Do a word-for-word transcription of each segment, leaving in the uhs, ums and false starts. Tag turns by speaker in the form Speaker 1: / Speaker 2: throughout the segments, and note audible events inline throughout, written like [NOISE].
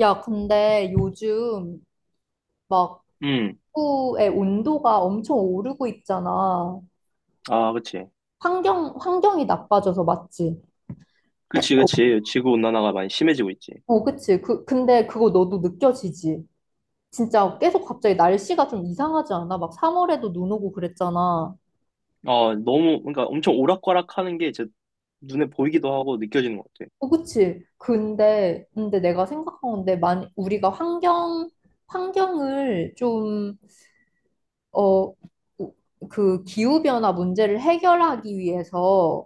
Speaker 1: 야, 근데 요즘 막
Speaker 2: 음,
Speaker 1: 지구의 온도가 엄청 오르고 있잖아.
Speaker 2: 아, 그치.
Speaker 1: 환경, 환경이 나빠져서 맞지?
Speaker 2: 그치,
Speaker 1: 어,
Speaker 2: 그치. 지구온난화가 많이 심해지고 있지.
Speaker 1: 어, 그치. 그, 근데 그거 너도 느껴지지? 진짜 계속 갑자기 날씨가 좀 이상하지 않아? 막 삼월에도 눈 오고 그랬잖아.
Speaker 2: 아, 너무, 그러니까 엄청 오락가락 하는 게 이제 눈에 보이기도 하고 느껴지는 것 같아.
Speaker 1: 어, 그치. 근데, 근데 내가 생각한 건데, 만, 우리가 환경, 환경을 좀, 어, 그 기후변화 문제를 해결하기 위해서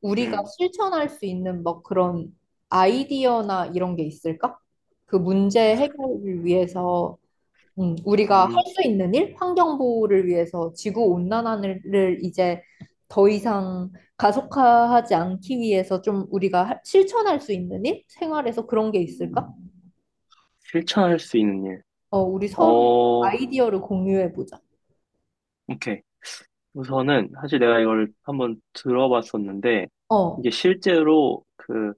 Speaker 1: 우리가
Speaker 2: 음,
Speaker 1: 실천할 수 있는 뭐 그런 아이디어나 이런 게 있을까? 그 문제 해결을 위해서 음, 우리가 할
Speaker 2: 음,
Speaker 1: 수 있는 일, 환경 보호를 위해서 지구 온난화를 이제 더 이상 가속화하지 않기 위해서 좀 우리가 할- 실천할 수 있는 일, 생활에서 그런 게 있을까?
Speaker 2: 실천할 수 있는 일.
Speaker 1: 어, 우리 서로
Speaker 2: 어,
Speaker 1: 아이디어를 공유해 보자.
Speaker 2: 오케이. 우선은, 사실 내가 이걸 한번 들어봤었는데,
Speaker 1: 어,
Speaker 2: 이게 실제로 그,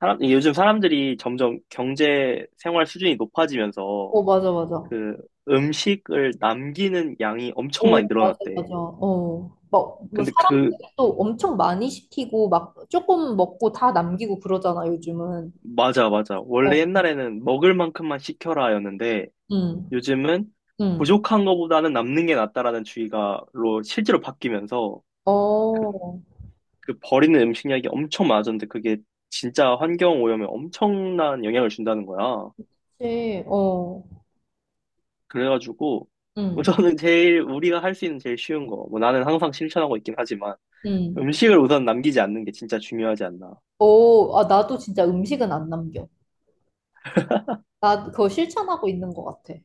Speaker 2: 사람, 이게 요즘 사람들이 점점 경제 생활 수준이 높아지면서
Speaker 1: 어, 맞아, 맞아.
Speaker 2: 그 음식을 남기는 양이 엄청 많이
Speaker 1: 오, 맞아,
Speaker 2: 늘어났대.
Speaker 1: 맞아. 어. 막, 뭐,
Speaker 2: 근데 그
Speaker 1: 사람들도 엄청 많이 시키고, 막, 조금 먹고 다 남기고 그러잖아, 요즘은.
Speaker 2: 맞아, 맞아. 원래
Speaker 1: 어,
Speaker 2: 옛날에는 먹을 만큼만 시켜라였는데
Speaker 1: 응,
Speaker 2: 요즘은
Speaker 1: 응.
Speaker 2: 부족한 것보다는 남는 게 낫다라는 주의가로 실제로 바뀌면서 그,
Speaker 1: 어,
Speaker 2: 그 버리는 음식량이 엄청 많아졌는데 그게 진짜 환경 오염에 엄청난 영향을 준다는 거야.
Speaker 1: 그치, 어,
Speaker 2: 그래가지고 뭐
Speaker 1: 응,
Speaker 2: 저는 제일 우리가 할 수 있는 제일 쉬운 거, 뭐 나는 항상 실천하고 있긴 하지만
Speaker 1: 응.
Speaker 2: 음식을 우선 남기지 않는 게 진짜 중요하지 않나.
Speaker 1: 어, 아, 나도 진짜 음식은 안 남겨. 나 그거 실천하고 있는 것 같아.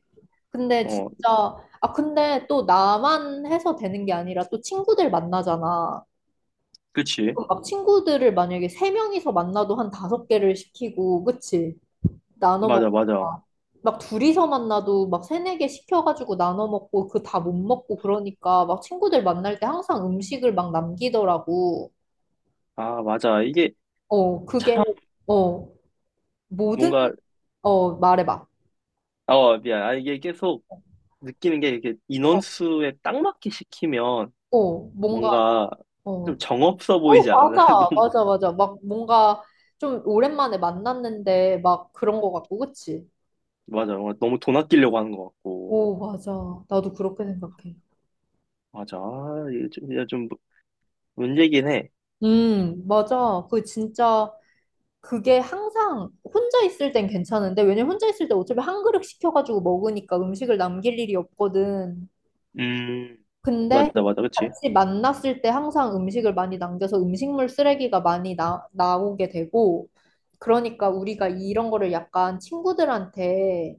Speaker 1: 근데
Speaker 2: 어,
Speaker 1: 진짜, 아, 근데 또 나만 해서 되는 게 아니라 또 친구들 만나잖아.
Speaker 2: 그치?
Speaker 1: 그럼 막 친구들을 만약에 세 명이서 만나도 한 다섯 개를 시키고, 그치? 나눠 먹고
Speaker 2: 맞아, 맞아.
Speaker 1: 막 둘이서 만나도 막 세네 개 시켜가지고 나눠 먹고 그 다 못 먹고 그러니까 막 친구들 만날 때 항상 음식을 막 남기더라고.
Speaker 2: 아, 맞아. 이게
Speaker 1: 어, 그게
Speaker 2: 참
Speaker 1: 어 모든
Speaker 2: 뭔가
Speaker 1: 어 말해봐.
Speaker 2: 어 미안. 아, 이게 계속 느끼는 게 이게
Speaker 1: 어,
Speaker 2: 인원수에 딱 맞게 시키면
Speaker 1: 어 뭔가
Speaker 2: 뭔가 좀
Speaker 1: 어,
Speaker 2: 정없어
Speaker 1: 어
Speaker 2: 보이지 않아? [LAUGHS]
Speaker 1: 맞아
Speaker 2: 너무,
Speaker 1: 맞아 맞아 막 뭔가 좀 오랜만에 만났는데 막 그런 거 같고 그치?
Speaker 2: 맞아. 뭔가 너무 돈 아끼려고 하는 것 같고.
Speaker 1: 오 맞아 나도 그렇게 생각해.
Speaker 2: 맞아. 아, 이게 좀, 이게 좀 문제긴 해.
Speaker 1: 음 맞아 그 진짜 그게 항상 혼자 있을 땐 괜찮은데, 왜냐면 혼자 있을 때 어차피 한 그릇 시켜가지고 먹으니까 음식을 남길 일이 없거든.
Speaker 2: 음,
Speaker 1: 근데
Speaker 2: 맞아, 맞아. 그치?
Speaker 1: 같이 만났을 때 항상 음식을 많이 남겨서 음식물 쓰레기가 많이 나, 나오게 되고, 그러니까 우리가 이런 거를 약간 친구들한테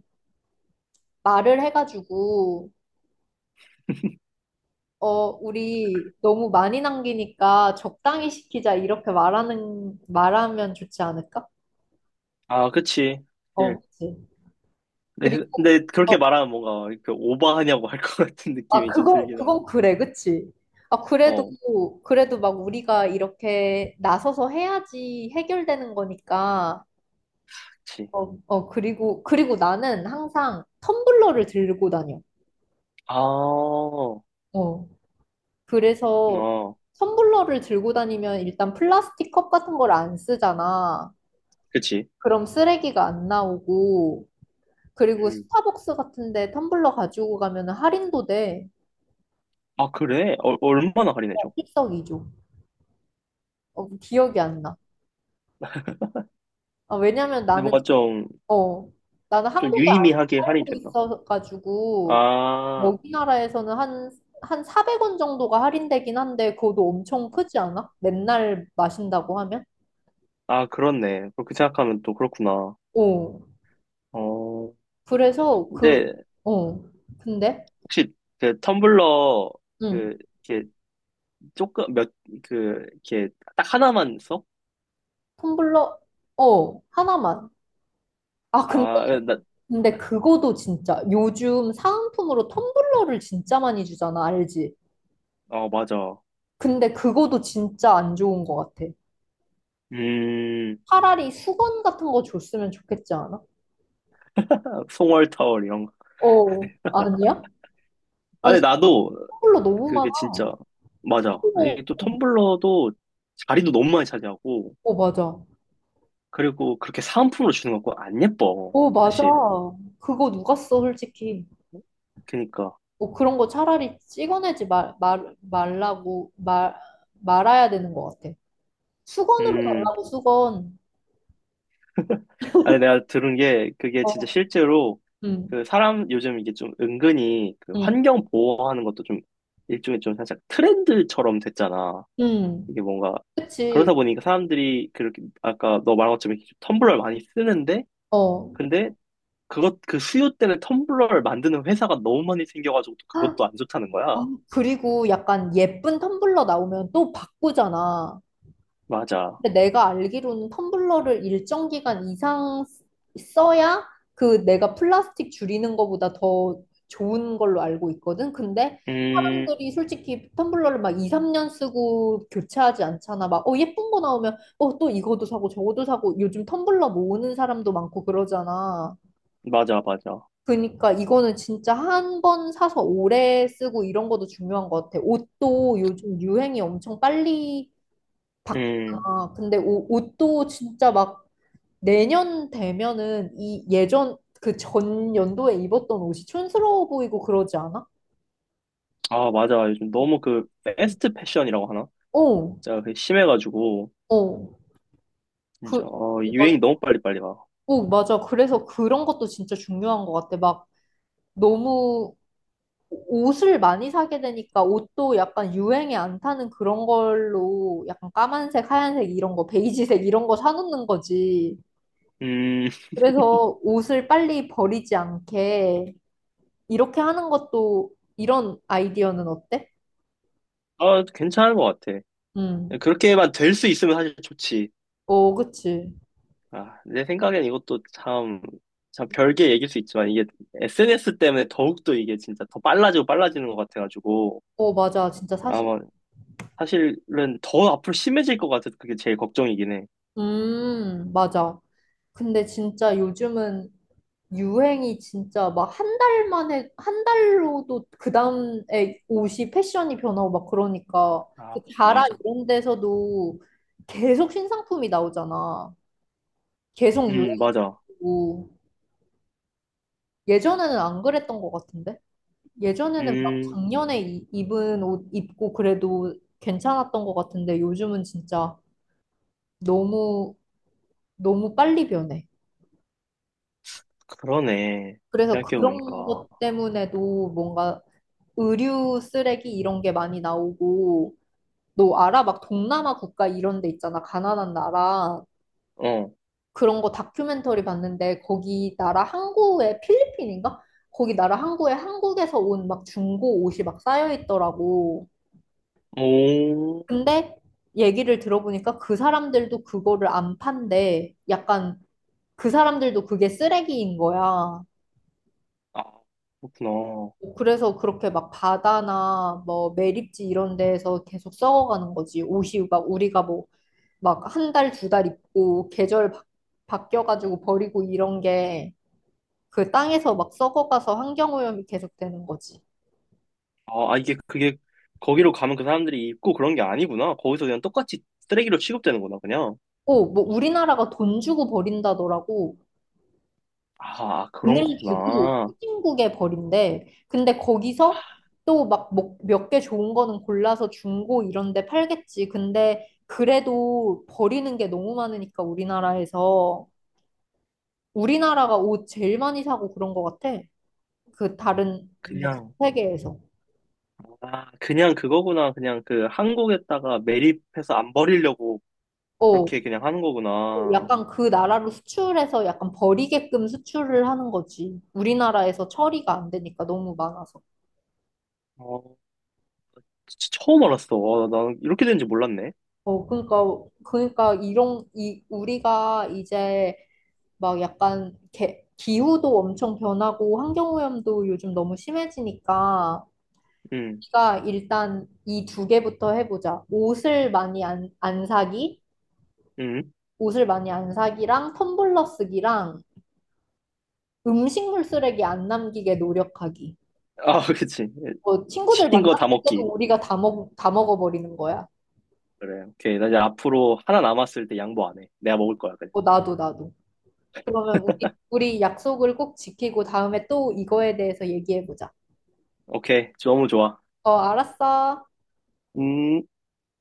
Speaker 1: 말을 해가지고, 어, 우리 너무 많이 남기니까 적당히 시키자, 이렇게 말하는, 말하면 좋지 않을까?
Speaker 2: 아, 그치. 예.
Speaker 1: 어, 그치.
Speaker 2: 근데,
Speaker 1: 그리고
Speaker 2: 근데
Speaker 1: 어,
Speaker 2: 그렇게 말하면 뭔가 이렇게 오버하냐고 할 것 [LAUGHS] 같은
Speaker 1: 아,
Speaker 2: 느낌이 좀
Speaker 1: 그건,
Speaker 2: 들긴 해.
Speaker 1: 그건 그래, 그치? 아, 그래도,
Speaker 2: 어,
Speaker 1: 그래도 막 우리가 이렇게 나서서 해야지 해결되는 거니까,
Speaker 2: 그치.
Speaker 1: 어, 어, 그리고, 그리고 나는 항상 텀블러를 들고 다녀.
Speaker 2: 아, 어,
Speaker 1: 어, 그래서 텀블러를 들고 다니면 일단 플라스틱 컵 같은 걸 안 쓰잖아.
Speaker 2: 그치.
Speaker 1: 그럼 쓰레기가 안 나오고, 그리고
Speaker 2: 음.
Speaker 1: 스타벅스 같은데 텀블러 가지고 가면 할인도 돼.
Speaker 2: 아, 그래? 어, 얼마나
Speaker 1: 어,
Speaker 2: 할인해줘?
Speaker 1: 일석이조. 어, 기억이 안 나. 아, 왜냐면
Speaker 2: 근데
Speaker 1: 나는
Speaker 2: 뭔가 좀,
Speaker 1: 어, 나는
Speaker 2: 좀
Speaker 1: 한국에 안
Speaker 2: 유의미하게
Speaker 1: 살고
Speaker 2: 할인되나?
Speaker 1: 있어가지고,
Speaker 2: 아,
Speaker 1: 여기 나라에서는 한, 한 사백 원 정도가 할인되긴 한데, 그것도 엄청 크지 않아? 맨날 마신다고 하면?
Speaker 2: 아, 그렇네. 그렇게 생각하면 또 그렇구나.
Speaker 1: 어,
Speaker 2: 어,
Speaker 1: 그래서 그,
Speaker 2: 근데
Speaker 1: 어, 근데,
Speaker 2: 혹시 그 텀블러
Speaker 1: 응,
Speaker 2: 그 이렇게 조금 몇 그 이렇게 딱 하나만 써?
Speaker 1: 텀블러, 어, 하나만. 아, 근데,
Speaker 2: 아, 나,
Speaker 1: 근데 그거도 진짜, 요즘 사은품으로 텀블러를 진짜 많이 주잖아, 알지?
Speaker 2: 어, 맞아.
Speaker 1: 근데 그거도 진짜 안 좋은 것 같아.
Speaker 2: 음,
Speaker 1: 차라리 수건 같은 거 줬으면 좋겠지 않아?
Speaker 2: 송월 타월 이런 거.
Speaker 1: 어, 아니야? 아니,
Speaker 2: 아니, 나도
Speaker 1: 싱글러 너무 많아.
Speaker 2: 그게 진짜 맞아.
Speaker 1: 어,
Speaker 2: 이게 또 텀블러도 자리도 너무 많이 차지하고
Speaker 1: 어, 맞아.
Speaker 2: 그리고 그렇게 사은품으로 주는 거 안 예뻐.
Speaker 1: 어, 맞아.
Speaker 2: 사실.
Speaker 1: 그거 누가 써, 솔직히.
Speaker 2: 그니까.
Speaker 1: 뭐 그런 거 차라리 찍어내지 말, 말, 말라고, 말, 말아야 되는 것 같아. 수건으로
Speaker 2: 음.
Speaker 1: 달라고, 수건.
Speaker 2: 아니, 내가 들은 게, 그게 진짜
Speaker 1: 어,
Speaker 2: 실제로,
Speaker 1: 응,
Speaker 2: 그 사람, 요즘 이게 좀 은근히 그
Speaker 1: 응,
Speaker 2: 환경 보호하는 것도 좀 일종의 좀 살짝 트렌드처럼 됐잖아.
Speaker 1: 응.
Speaker 2: 이게 뭔가, 그러다
Speaker 1: 그치.
Speaker 2: 보니까 사람들이 그렇게, 아까 너 말한 것처럼 이렇게 텀블러를 많이 쓰는데,
Speaker 1: 어.
Speaker 2: 근데 그것, 그 수요 때문에 텀블러를 만드는 회사가 너무 많이 생겨가지고 또
Speaker 1: 아,
Speaker 2: 그것도 안 좋다는 거야.
Speaker 1: 그리고 약간 예쁜 텀블러 나오면 또 바꾸잖아.
Speaker 2: 맞아.
Speaker 1: 근데 내가 알기로는 텀블러를 일정 기간 이상 쓰- 써야 그 내가 플라스틱 줄이는 것보다 더 좋은 걸로 알고 있거든. 근데
Speaker 2: 음,
Speaker 1: 사람들이 솔직히 텀블러를 막 이, 삼 년 쓰고 교체하지 않잖아. 막, 어, 예쁜 거 나오면, 어, 또 이것도 사고 저것도 사고 요즘 텀블러 모으는 사람도 많고 그러잖아.
Speaker 2: 맞아, 맞아.
Speaker 1: 그러니까 이거는 진짜 한 번 사서 오래 쓰고 이런 것도 중요한 것 같아. 옷도 요즘 유행이 엄청 빨리
Speaker 2: 음,
Speaker 1: 바뀌잖아. 근데 옷, 옷도 진짜 막 내년 되면은 이 예전 그 전 연도에 입었던 옷이 촌스러워 보이고 그러지 않아?
Speaker 2: 아, 맞아. 요즘 너무 그, 패스트 패션이라고 하나?
Speaker 1: 어, 어.
Speaker 2: 진짜 그게 심해가지고,
Speaker 1: 어.
Speaker 2: 진짜,
Speaker 1: 그,
Speaker 2: 어,
Speaker 1: 맞아.
Speaker 2: 유행이 너무 빨리빨리 와.
Speaker 1: 어, 맞아. 그래서 그런 것도 진짜 중요한 것 같아. 막 너무 옷을 많이 사게 되니까 옷도 약간 유행에 안 타는 그런 걸로 약간 까만색, 하얀색 이런 거, 베이지색 이런 거 사놓는 거지.
Speaker 2: 음,
Speaker 1: 그래서 옷을 빨리 버리지 않게 이렇게 하는 것도 이런 아이디어는 어때?
Speaker 2: 아, 괜찮은 것 같아.
Speaker 1: 음.
Speaker 2: 그렇게만 될 수 있으면 사실 좋지.
Speaker 1: 어, 그치.
Speaker 2: 아, 내 생각엔 이것도 참, 참 별개 얘기일 수 있지만, 이게 에스엔에스 때문에 더욱더 이게 진짜 더 빨라지고 빨라지는 것 같아가지고,
Speaker 1: 어, 맞아. 진짜 사실.
Speaker 2: 아마 사실은 더 앞으로 심해질 것 같아서 그게 제일 걱정이긴 해.
Speaker 1: 음, 맞아. 근데 진짜 요즘은 유행이 진짜 막 한 달 만에, 한 달로도 그 다음에 옷이 패션이 변하고 막 그러니까.
Speaker 2: 아,
Speaker 1: 그 자라
Speaker 2: 맞아.
Speaker 1: 이런 데서도 계속 신상품이 나오잖아. 계속
Speaker 2: 음, 맞아.
Speaker 1: 유행이고. 예전에는 안 그랬던 것 같은데? 예전에는 막
Speaker 2: 음,
Speaker 1: 작년에 이- 입은 옷 입고 그래도 괜찮았던 것 같은데 요즘은 진짜 너무 너무 빨리 변해.
Speaker 2: 그러네.
Speaker 1: 그래서 그런
Speaker 2: 생각해보니까.
Speaker 1: 것 때문에도 뭔가 의류 쓰레기 이런 게 많이 나오고 너 알아? 막 동남아 국가 이런 데 있잖아. 가난한 나라.
Speaker 2: 어,
Speaker 1: 그런 거 다큐멘터리 봤는데 거기 나라 항구에 필리핀인가? 거기 나라 항구에 한국에서 온 막 중고 옷이 막 쌓여 있더라고.
Speaker 2: 오,
Speaker 1: 근데 얘기를 들어보니까 그 사람들도 그거를 안 판대. 약간 그 사람들도 그게 쓰레기인 거야.
Speaker 2: 아, 그렇구나.
Speaker 1: 그래서 그렇게 막 바다나 뭐 매립지 이런 데에서 계속 썩어가는 거지. 옷이 막 우리가 뭐 막 한 달, 두 달 입고 계절 바, 바뀌어가지고 버리고 이런 게 그 땅에서 막 썩어가서 환경오염이 계속되는 거지.
Speaker 2: 아, 아, 이게 그게 거기로 가면 그 사람들이 입고 그런 게 아니구나. 거기서 그냥 똑같이 쓰레기로 취급되는구나, 그냥.
Speaker 1: 오, 뭐 우리나라가 돈 주고 버린다더라고.
Speaker 2: 아, 그런
Speaker 1: 돈을 주고
Speaker 2: 거구나.
Speaker 1: 후진국에 버린대. 근데 거기서 또막 뭐 몇개 좋은 거는 골라서 중고 이런 데 팔겠지. 근데 그래도 버리는 게 너무 많으니까 우리나라에서 우리나라가 옷 제일 많이 사고 그런 것 같아. 그 다른 뭐
Speaker 2: 그냥,
Speaker 1: 세계에서.
Speaker 2: 아, 그냥 그거구나. 그냥 그 한국에다가 매립해서 안 버리려고
Speaker 1: 어,
Speaker 2: 그렇게 그냥 하는 거구나.
Speaker 1: 약간 그 나라로 수출해서 약간 버리게끔 수출을 하는 거지. 우리나라에서 처리가 안 되니까 너무 많아서.
Speaker 2: 어, 진짜 처음 알았어. 와, 나 이렇게 되는지 몰랐네.
Speaker 1: 어, 그러니까 그러니까 이런 이 우리가 이제 막 약간 개, 기후도 엄청 변하고 환경오염도 요즘 너무 심해지니까
Speaker 2: 응,
Speaker 1: 우리가 일단 이 두 개부터 해보자. 옷을 많이 안, 안 사기,
Speaker 2: 응.
Speaker 1: 옷을 많이 안 사기랑 텀블러 쓰기랑 음식물 쓰레기 안 남기게 노력하기.
Speaker 2: 아, [LAUGHS] 그치.
Speaker 1: 뭐 친구들
Speaker 2: 시킨 거 다
Speaker 1: 만났을 때도
Speaker 2: 먹기.
Speaker 1: 우리가 다 먹, 다 먹어버리는 거야.
Speaker 2: 그래, 오케이. 나 이제 앞으로 하나 남았을 때 양보 안 해. 내가 먹을 거야, 그냥.
Speaker 1: 뭐 나도 나도. 그러면 우리, 우리 약속을 꼭 지키고 다음에 또 이거에 대해서 얘기해보자.
Speaker 2: 오케이. 너무 좋아.
Speaker 1: 어, 알았어.
Speaker 2: 음.